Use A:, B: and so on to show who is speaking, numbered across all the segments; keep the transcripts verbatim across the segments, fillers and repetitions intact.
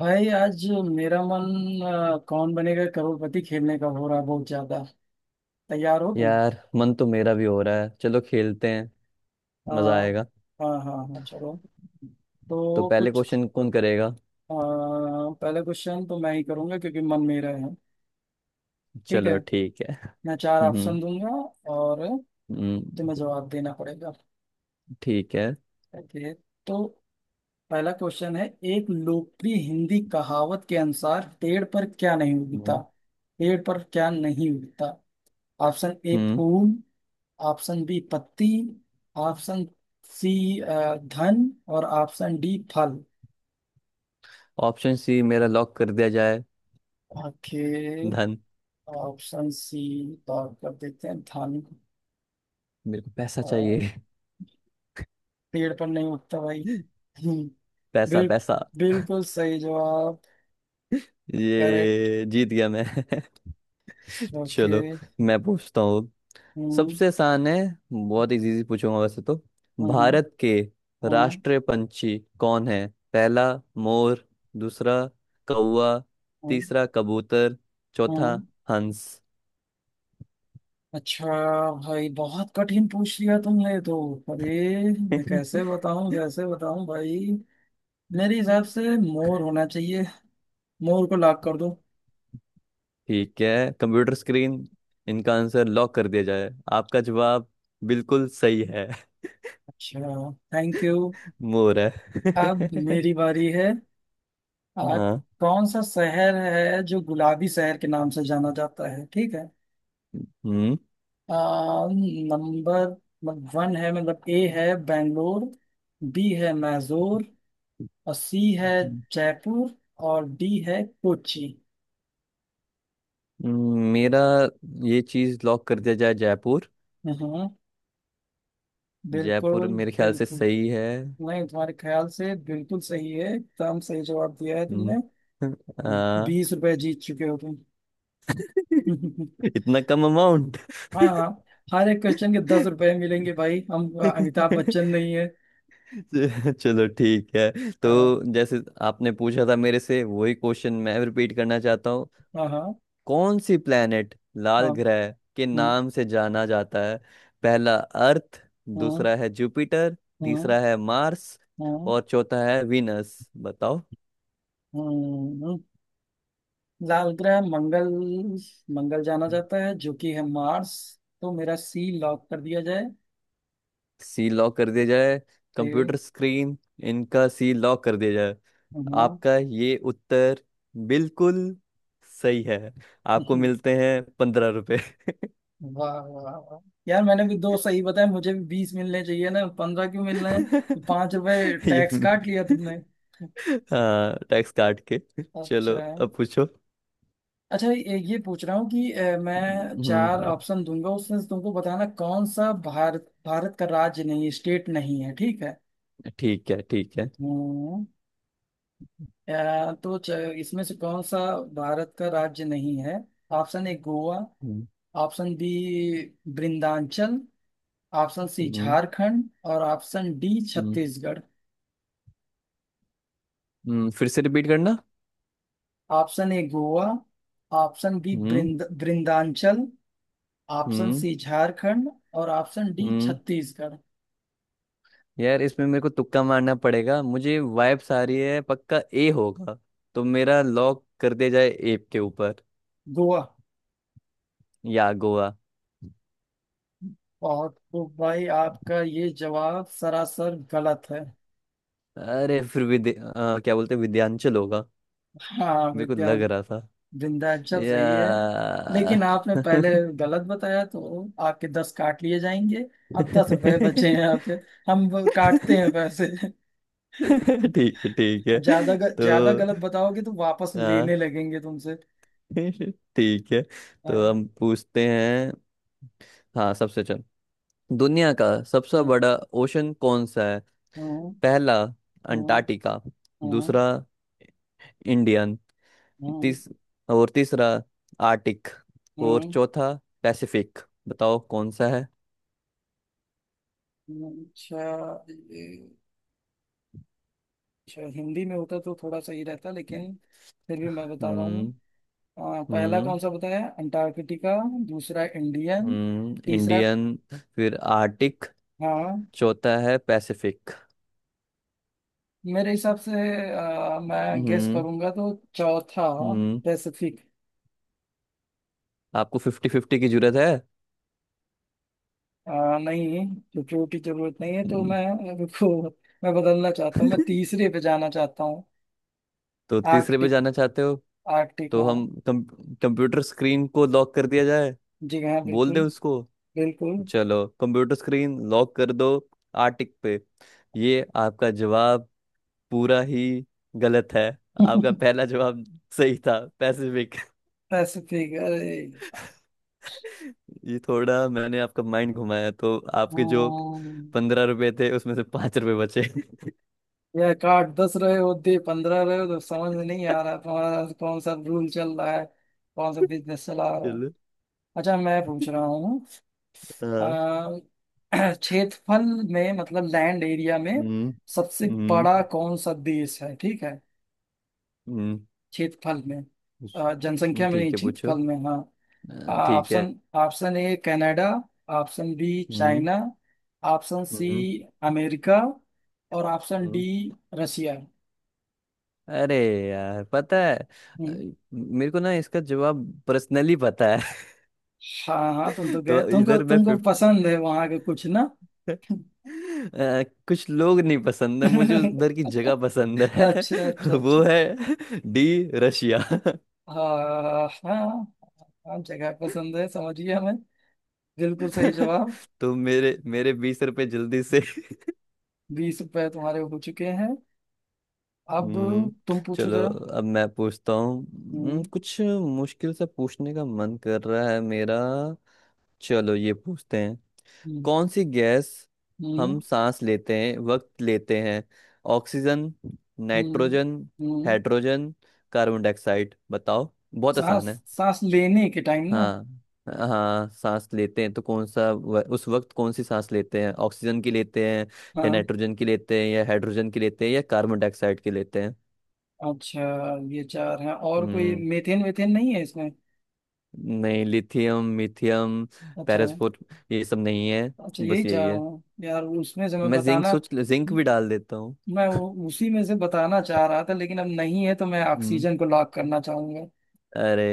A: भाई आज मेरा मन अ, कौन बनेगा करोड़पति खेलने का हो रहा है बहुत ज्यादा। तैयार हो तुम?
B: यार, मन तो मेरा भी हो रहा है। चलो खेलते हैं।
A: अ,
B: मजा आएगा।
A: हाँ हाँ हाँ, चलो।
B: तो
A: तो
B: पहले
A: कुछ
B: क्वेश्चन कौन करेगा?
A: अ, पहला क्वेश्चन तो मैं ही करूंगा क्योंकि मन मेरा है। ठीक है।
B: चलो ठीक है।
A: मैं चार ऑप्शन
B: हम्म।
A: दूंगा और
B: हम्म।
A: तुम्हें जवाब देना पड़ेगा।
B: ठीक है।
A: ओके। तो पहला क्वेश्चन है। एक लोकप्रिय हिंदी कहावत के अनुसार पेड़ पर क्या नहीं उगता?
B: हम्म।
A: पेड़ पर क्या नहीं उगता? ऑप्शन ए
B: हम्म।
A: फूल, ऑप्शन बी पत्ती, ऑप्शन सी अ, धन, और ऑप्शन डी फल।
B: ऑप्शन सी मेरा लॉक कर दिया जाए।
A: ओके।
B: धन।
A: ऑप्शन सी तौर कर देते हैं, धन।
B: मेरे को पैसा
A: अ,
B: चाहिए।
A: पेड़ पर नहीं उगता भाई। हम्म,
B: पैसा,
A: बिल,
B: पैसा।
A: बिल्कुल सही जवाब। करेक्ट।
B: ये जीत गया मैं।
A: ओके।
B: चलो, मैं पूछता हूँ।
A: हम्म।
B: सबसे आसान है। बहुत इजी इजी पूछूंगा वैसे तो।
A: हम्म। हम्म।
B: भारत के
A: हम्म।
B: राष्ट्रीय पंछी कौन है? पहला, मोर। दूसरा, कौवा।
A: हम्म।
B: तीसरा, कबूतर। चौथा,
A: हम्म।
B: हंस।
A: अच्छा। भाई बहुत कठिन पूछ लिया तुमने तो। अरे, मैं कैसे बताऊं कैसे बताऊं भाई। मेरे हिसाब से मोर होना चाहिए, मोर को लॉक कर दो।
B: ठीक है, कंप्यूटर स्क्रीन, इनका आंसर लॉक कर दिया जाए। आपका जवाब बिल्कुल सही है।
A: अच्छा, थैंक यू।
B: मोर है।
A: अब मेरी बारी है। आ,
B: हाँ।
A: कौन सा शहर है जो गुलाबी शहर के नाम से जाना जाता है? ठीक है।
B: हम्म।
A: आ, नंबर मतलब वन है, मतलब ए है बेंगलोर। बी है मैसूर और सी है
B: हम्म।
A: जयपुर और डी है कोची।
B: मेरा ये चीज लॉक कर दिया जाए। जयपुर।
A: हम्म। बिल्कुल।
B: जयपुर मेरे ख्याल से
A: बिल्कुल,
B: सही है।
A: नहीं तुम्हारे ख्याल से बिल्कुल सही है, एकदम सही जवाब दिया है
B: हम्म।
A: तुमने।
B: आ,
A: बीस रुपए जीत चुके हो तुम।
B: इतना कम अमाउंट।
A: हाँ हाँ, हर एक क्वेश्चन के दस रुपए मिलेंगे भाई, हम अ, अमिताभ बच्चन नहीं है।
B: चलो ठीक है,
A: अ,
B: तो जैसे आपने पूछा था मेरे से, वही क्वेश्चन मैं रिपीट करना चाहता हूँ।
A: हाँ हाँ
B: कौन सी प्लेनेट लाल
A: हाँ।
B: ग्रह के
A: हम्म।
B: नाम से जाना जाता है? पहला, अर्थ।
A: हम्म।
B: दूसरा है जुपिटर।
A: हम्म।
B: तीसरा है मार्स।
A: हम्म।
B: और चौथा है विनस। बताओ।
A: हम्म। लाल ग्रह मंगल। मंगल जाना जाता है जो कि है मार्स। तो मेरा सी लॉक कर दिया जाए।
B: सी लॉक कर दिया जाए।
A: ए,
B: कंप्यूटर स्क्रीन, इनका सी लॉक कर दिया जाए।
A: हम्म,
B: आपका ये उत्तर बिल्कुल सही है। आपको मिलते हैं पंद्रह रुपए।
A: वाह वाह वाह। यार मैंने भी दो सही बताया, मुझे भी बीस मिलने चाहिए ना, पंद्रह क्यों मिल रहे हैं? पांच रुपए
B: ये,
A: टैक्स काट लिया तुमने।
B: हाँ, टैक्स काट के। चलो,
A: अच्छा।
B: अब पूछो।
A: अच्छा, ये ये पूछ रहा हूँ कि अ, मैं चार
B: हम्म।
A: ऑप्शन दूंगा उसमें से तुमको बताना कौन सा भारत भारत का राज्य नहीं है, स्टेट नहीं है, ठीक है।
B: ठीक है ठीक है।
A: हम्म। अ, तो च- इसमें से कौन सा भारत का राज्य नहीं है? ऑप्शन ए गोवा,
B: हम्म।
A: Option B Vrindanchal, option C
B: हम्म।
A: झारखंड और ऑप्शन डी
B: हम्म,
A: छत्तीसगढ़।
B: हम्म, फिर से रिपीट करना।
A: Option A Goa, option B
B: हम्म।
A: वृंद वृंदांचल, ऑप्शन
B: हम्म।
A: सी झारखंड और ऑप्शन डी
B: हम्म।
A: छत्तीसगढ़।
B: यार, इसमें मेरे को तुक्का मारना पड़ेगा। मुझे वाइब्स आ रही है, पक्का ए होगा। तो मेरा लॉक कर दिया जाए, ए के ऊपर।
A: गोवा।
B: या गोवा।
A: बहुत खूब भाई, आपका ये जवाब सरासर गलत है।
B: अरे, फिर विद्य अ, क्या बोलते हैं, विद्यांचल होगा।
A: हाँ
B: मेरे को
A: विद्या
B: लग रहा था,
A: विंध्याचल
B: या।
A: सही है। लेकिन आपने पहले गलत बताया तो आपके दस काट लिए जाएंगे। अब दस रुपए बचे हैं आपके। हम वो काटते हैं पैसे।
B: ठीक है ठीक है,
A: ज्यादा ग-
B: तो
A: ज्यादा गलत बताओगे तो वापस
B: हाँ।
A: लेने लगेंगे तुमसे।
B: ठीक है। तो
A: हाँ
B: हम पूछते हैं। हाँ, सबसे चल। दुनिया का सबसे
A: हाँ
B: बड़ा ओशन कौन सा है?
A: हाँ
B: पहला,
A: हाँ
B: अंटार्कटिका।
A: हाँ
B: दूसरा, इंडियन।
A: हाँ
B: तीस और तीसरा, आर्टिक। और
A: हाँ,
B: चौथा, पैसिफिक। बताओ, कौन सा है?
A: हाँ, अच्छा। शायद हिंदी में होता तो थोड़ा सही रहता, लेकिन फिर भी मैं बता रहा हूँ।
B: हम्म।
A: अ, पहला
B: हम्म।
A: कौन सा बताया? अंटार्कटिका। दूसरा इंडियन।
B: हम्म
A: तीसरा।
B: इंडियन। फिर आर्टिक।
A: हाँ।
B: चौथा है पैसिफिक।
A: मेरे हिसाब से अ, मैं गेस
B: हम्म।
A: करूंगा तो चौथा
B: हम्म।
A: पैसिफिक।
B: आपको फिफ्टी फिफ्टी की जरूरत है?
A: आ, नहीं, क्योंकि की जरूरत नहीं है तो
B: हम्म।
A: मैं रुको। मैं बदलना चाहता हूँ, मैं तीसरे पे जाना चाहता हूँ।
B: तो तीसरे पे
A: आर्कटिक।
B: जाना चाहते हो?
A: आर्कटिक
B: तो
A: हाँ।
B: हम, कम, कंप्यूटर स्क्रीन को लॉक कर दिया जाए।
A: जी हाँ
B: बोल दे
A: बिल्कुल।
B: उसको।
A: बिल्कुल।
B: चलो, कंप्यूटर स्क्रीन लॉक कर दो। आर्टिक पे। ये आपका जवाब पूरा ही गलत है। आपका पहला जवाब सही था, पैसिफिक।
A: पैसिफिक अरे।
B: ये थोड़ा मैंने आपका माइंड घुमाया, तो आपके जो
A: हम्म,
B: पंद्रह रुपए थे, उसमें से पांच रुपए बचे।
A: या एक आठ दस रहे होते, पंद्रह रहे हो, तो समझ में नहीं आ रहा तुम्हारा कौन सा रूल चल रहा है, कौन सा बिजनेस चला रहा है।
B: चलो।
A: अच्छा, मैं पूछ रहा हूँ।
B: हाँ।
A: अ, क्षेत्रफल में मतलब लैंड एरिया में
B: हम्म
A: सबसे
B: हम्म
A: बड़ा कौन सा देश है, ठीक है।
B: हम्म,
A: क्षेत्रफल में
B: पूछ-
A: अ,
B: हम्म,
A: जनसंख्या में नहीं,
B: ठीक है पूछो
A: क्षेत्रफल में, हाँ।
B: अ, ठीक है
A: option option A Canada, option B
B: हम्म
A: चाइना, ऑप्शन सी
B: हम्म
A: अमेरिका और ऑप्शन डी
B: हम्म
A: रशिया।
B: अरे यार पता है अ,
A: हम्म।
B: मेरे को ना इसका जवाब पर्सनली पता है
A: हाँ हाँ, तुम तो गए,
B: तो
A: तुमको
B: इधर मैं
A: तुमको
B: फिफ्थ
A: पसंद है वहां के कुछ ना।
B: अ, कुछ लोग नहीं पसंद है मुझे उधर की
A: अच्छा
B: जगह पसंद है
A: अच्छा अच्छा।
B: वो है डी रशिया
A: हाँ हाँ हाँ, जगह पसंद है, समझिए हमें। बिल्कुल सही जवाब।
B: तो मेरे मेरे बीस रुपए जल्दी से
A: बीस रुपए तुम्हारे हो चुके हैं। अब
B: हम्म,
A: तुम पूछो
B: चलो,
A: जरा।
B: अब मैं पूछता हूँ। हम्म,
A: हम्म।
B: कुछ मुश्किल से पूछने का मन कर रहा है मेरा। चलो, ये पूछते हैं।
A: हम्म।
B: कौन सी गैस
A: हम्म।
B: हम सांस लेते हैं, वक्त लेते हैं? ऑक्सीजन,
A: हम्म।
B: नाइट्रोजन,
A: हम्म।
B: Hydrogen, carbon dioxide. बताओ, बहुत
A: सांस
B: आसान है।
A: सांस लेने के टाइम ना।
B: हाँ, हाँ, सांस लेते हैं तो कौन सा व- उस वक्त कौन सी सांस लेते हैं? ऑक्सीजन की लेते हैं, या
A: हाँ।
B: नाइट्रोजन की लेते हैं, या हाइड्रोजन की लेते हैं, या कार्बन डाइऑक्साइड की लेते हैं?
A: अच्छा, ये चार हैं और कोई
B: हम्म
A: मेथेन वेथेन नहीं है इसमें।
B: नहीं, लिथियम मिथियम,
A: अच्छा।
B: पैरासफोर, ये सब नहीं है।
A: अच्छा, यही
B: बस यही
A: चार
B: है।
A: हैं यार, उसमें से मैं
B: मैं जिंक
A: बताना।
B: सोच, जिंक भी डाल देता हूँ।
A: मैं वो उसी में से बताना चाह रहा था, लेकिन अब नहीं है तो मैं
B: हम्म।
A: ऑक्सीजन को लॉक करना चाहूंगा।
B: अरे,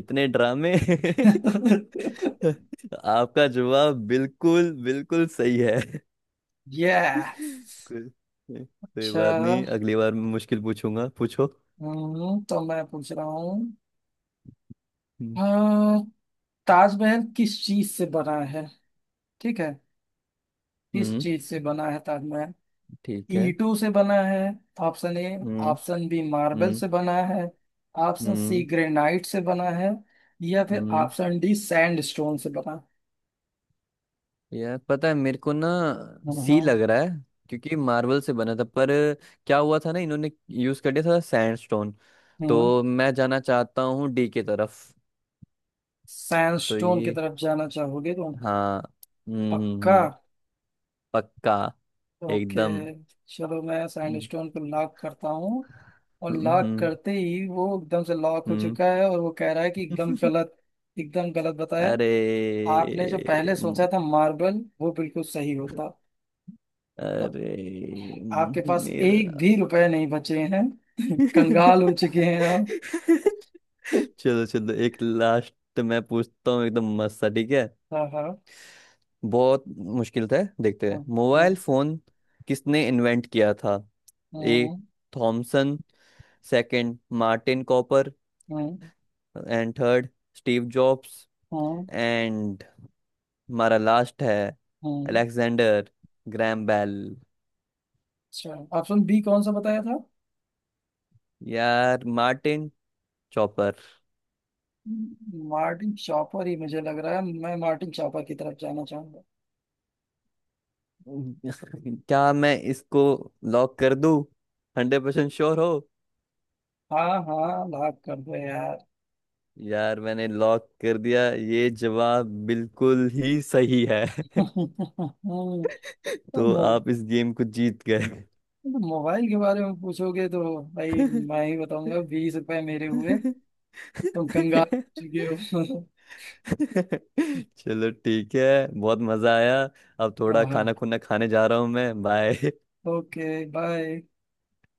B: इतने ड्रामे। आपका जवाब बिल्कुल बिल्कुल सही है।
A: यस।
B: कोई कोई
A: अच्छा।
B: बात नहीं, अगली बार मैं मुश्किल पूछूंगा, पूछो।
A: हम्म, तो मैं पूछ रहा हूँ।
B: हम्म।
A: हाँ, ताजमहल किस चीज से बना है, ठीक है? किस
B: हम्म,
A: चीज से बना है ताजमहल?
B: ठीक है।
A: ईंटों से बना है, ऑप्शन ए।
B: हम्म।
A: ऑप्शन बी मार्बल
B: हम्म।
A: से बना है, ऑप्शन सी
B: हम्म।
A: ग्रेनाइट से बना है, या फिर
B: हम्म।
A: ऑप्शन डी सैंडस्टोन से बना है।
B: यार, पता है मेरे को ना, सी
A: हम्म
B: लग रहा है। क्योंकि मार्बल से बना था, पर क्या हुआ था ना, इन्होंने यूज कर दिया था सैंडस्टोन।
A: हम्म।
B: तो मैं जाना चाहता हूँ डी के तरफ। तो
A: सैंडस्टोन की
B: ये,
A: तरफ जाना चाहोगे तुम?
B: हाँ। हम्म। हम्म।
A: पक्का?
B: हम्म पक्का।
A: ओके,
B: एकदम।
A: चलो मैं
B: हम्म।
A: सैंडस्टोन को लॉक करता हूँ। और लॉक
B: हम्म।
A: करते ही वो एकदम से लॉक हो
B: हम्म।
A: चुका है और वो कह रहा है कि एकदम गलत। एकदम गलत बताया।
B: अरे,
A: आपने जो पहले
B: म-
A: सोचा था मार्बल, वो बिल्कुल सही होता। तो
B: अरे,
A: आपके पास एक
B: मेरा।
A: भी रुपए नहीं बचे हैं। कंगाल हो चुके हैं आप।
B: चलो चलो, एक लास्ट मैं पूछता हूँ, एकदम मस्त सा, ठीक है।
A: हाँ हाँ
B: बहुत मुश्किल था, देखते
A: हाँ
B: हैं। मोबाइल
A: हाँ
B: फोन किसने इन्वेंट किया था? ए,
A: हाँ
B: थॉमसन। Second, Martin Cooper.
A: हाँ
B: एंड थर्ड, स्टीव जॉब्स।
A: हाँ
B: एंड हमारा लास्ट है,
A: हाँ।
B: Alexander Graham Bell.
A: अच्छा, ऑप्शन बी कौन सा बताया था?
B: यार, मार्टिन चॉपर।
A: मार्टिन शॉपर ही मुझे लग रहा है, मैं मार्टिन शॉपर की तरफ जाना चाहूंगा।
B: क्या मैं इसको लॉक कर दूं? हंड्रेड परसेंट श्योर हो?
A: हाँ हाँ, लाख कर दो यार।
B: यार, मैंने लॉक कर दिया, ये जवाब बिल्कुल ही सही है।
A: तो
B: तो
A: मो,
B: आप इस गेम को जीत गए।
A: तो मोबाइल के बारे में पूछोगे तो भाई मैं ही बताऊंगा, बीस रुपए मेरे हुए। तुम कंगाल हो चुके हो।
B: चलो, ठीक है, बहुत मजा आया। अब थोड़ा
A: हाँ।
B: खाना खुना खाने जा रहा हूँ मैं। बाय।
A: ओके। बाय।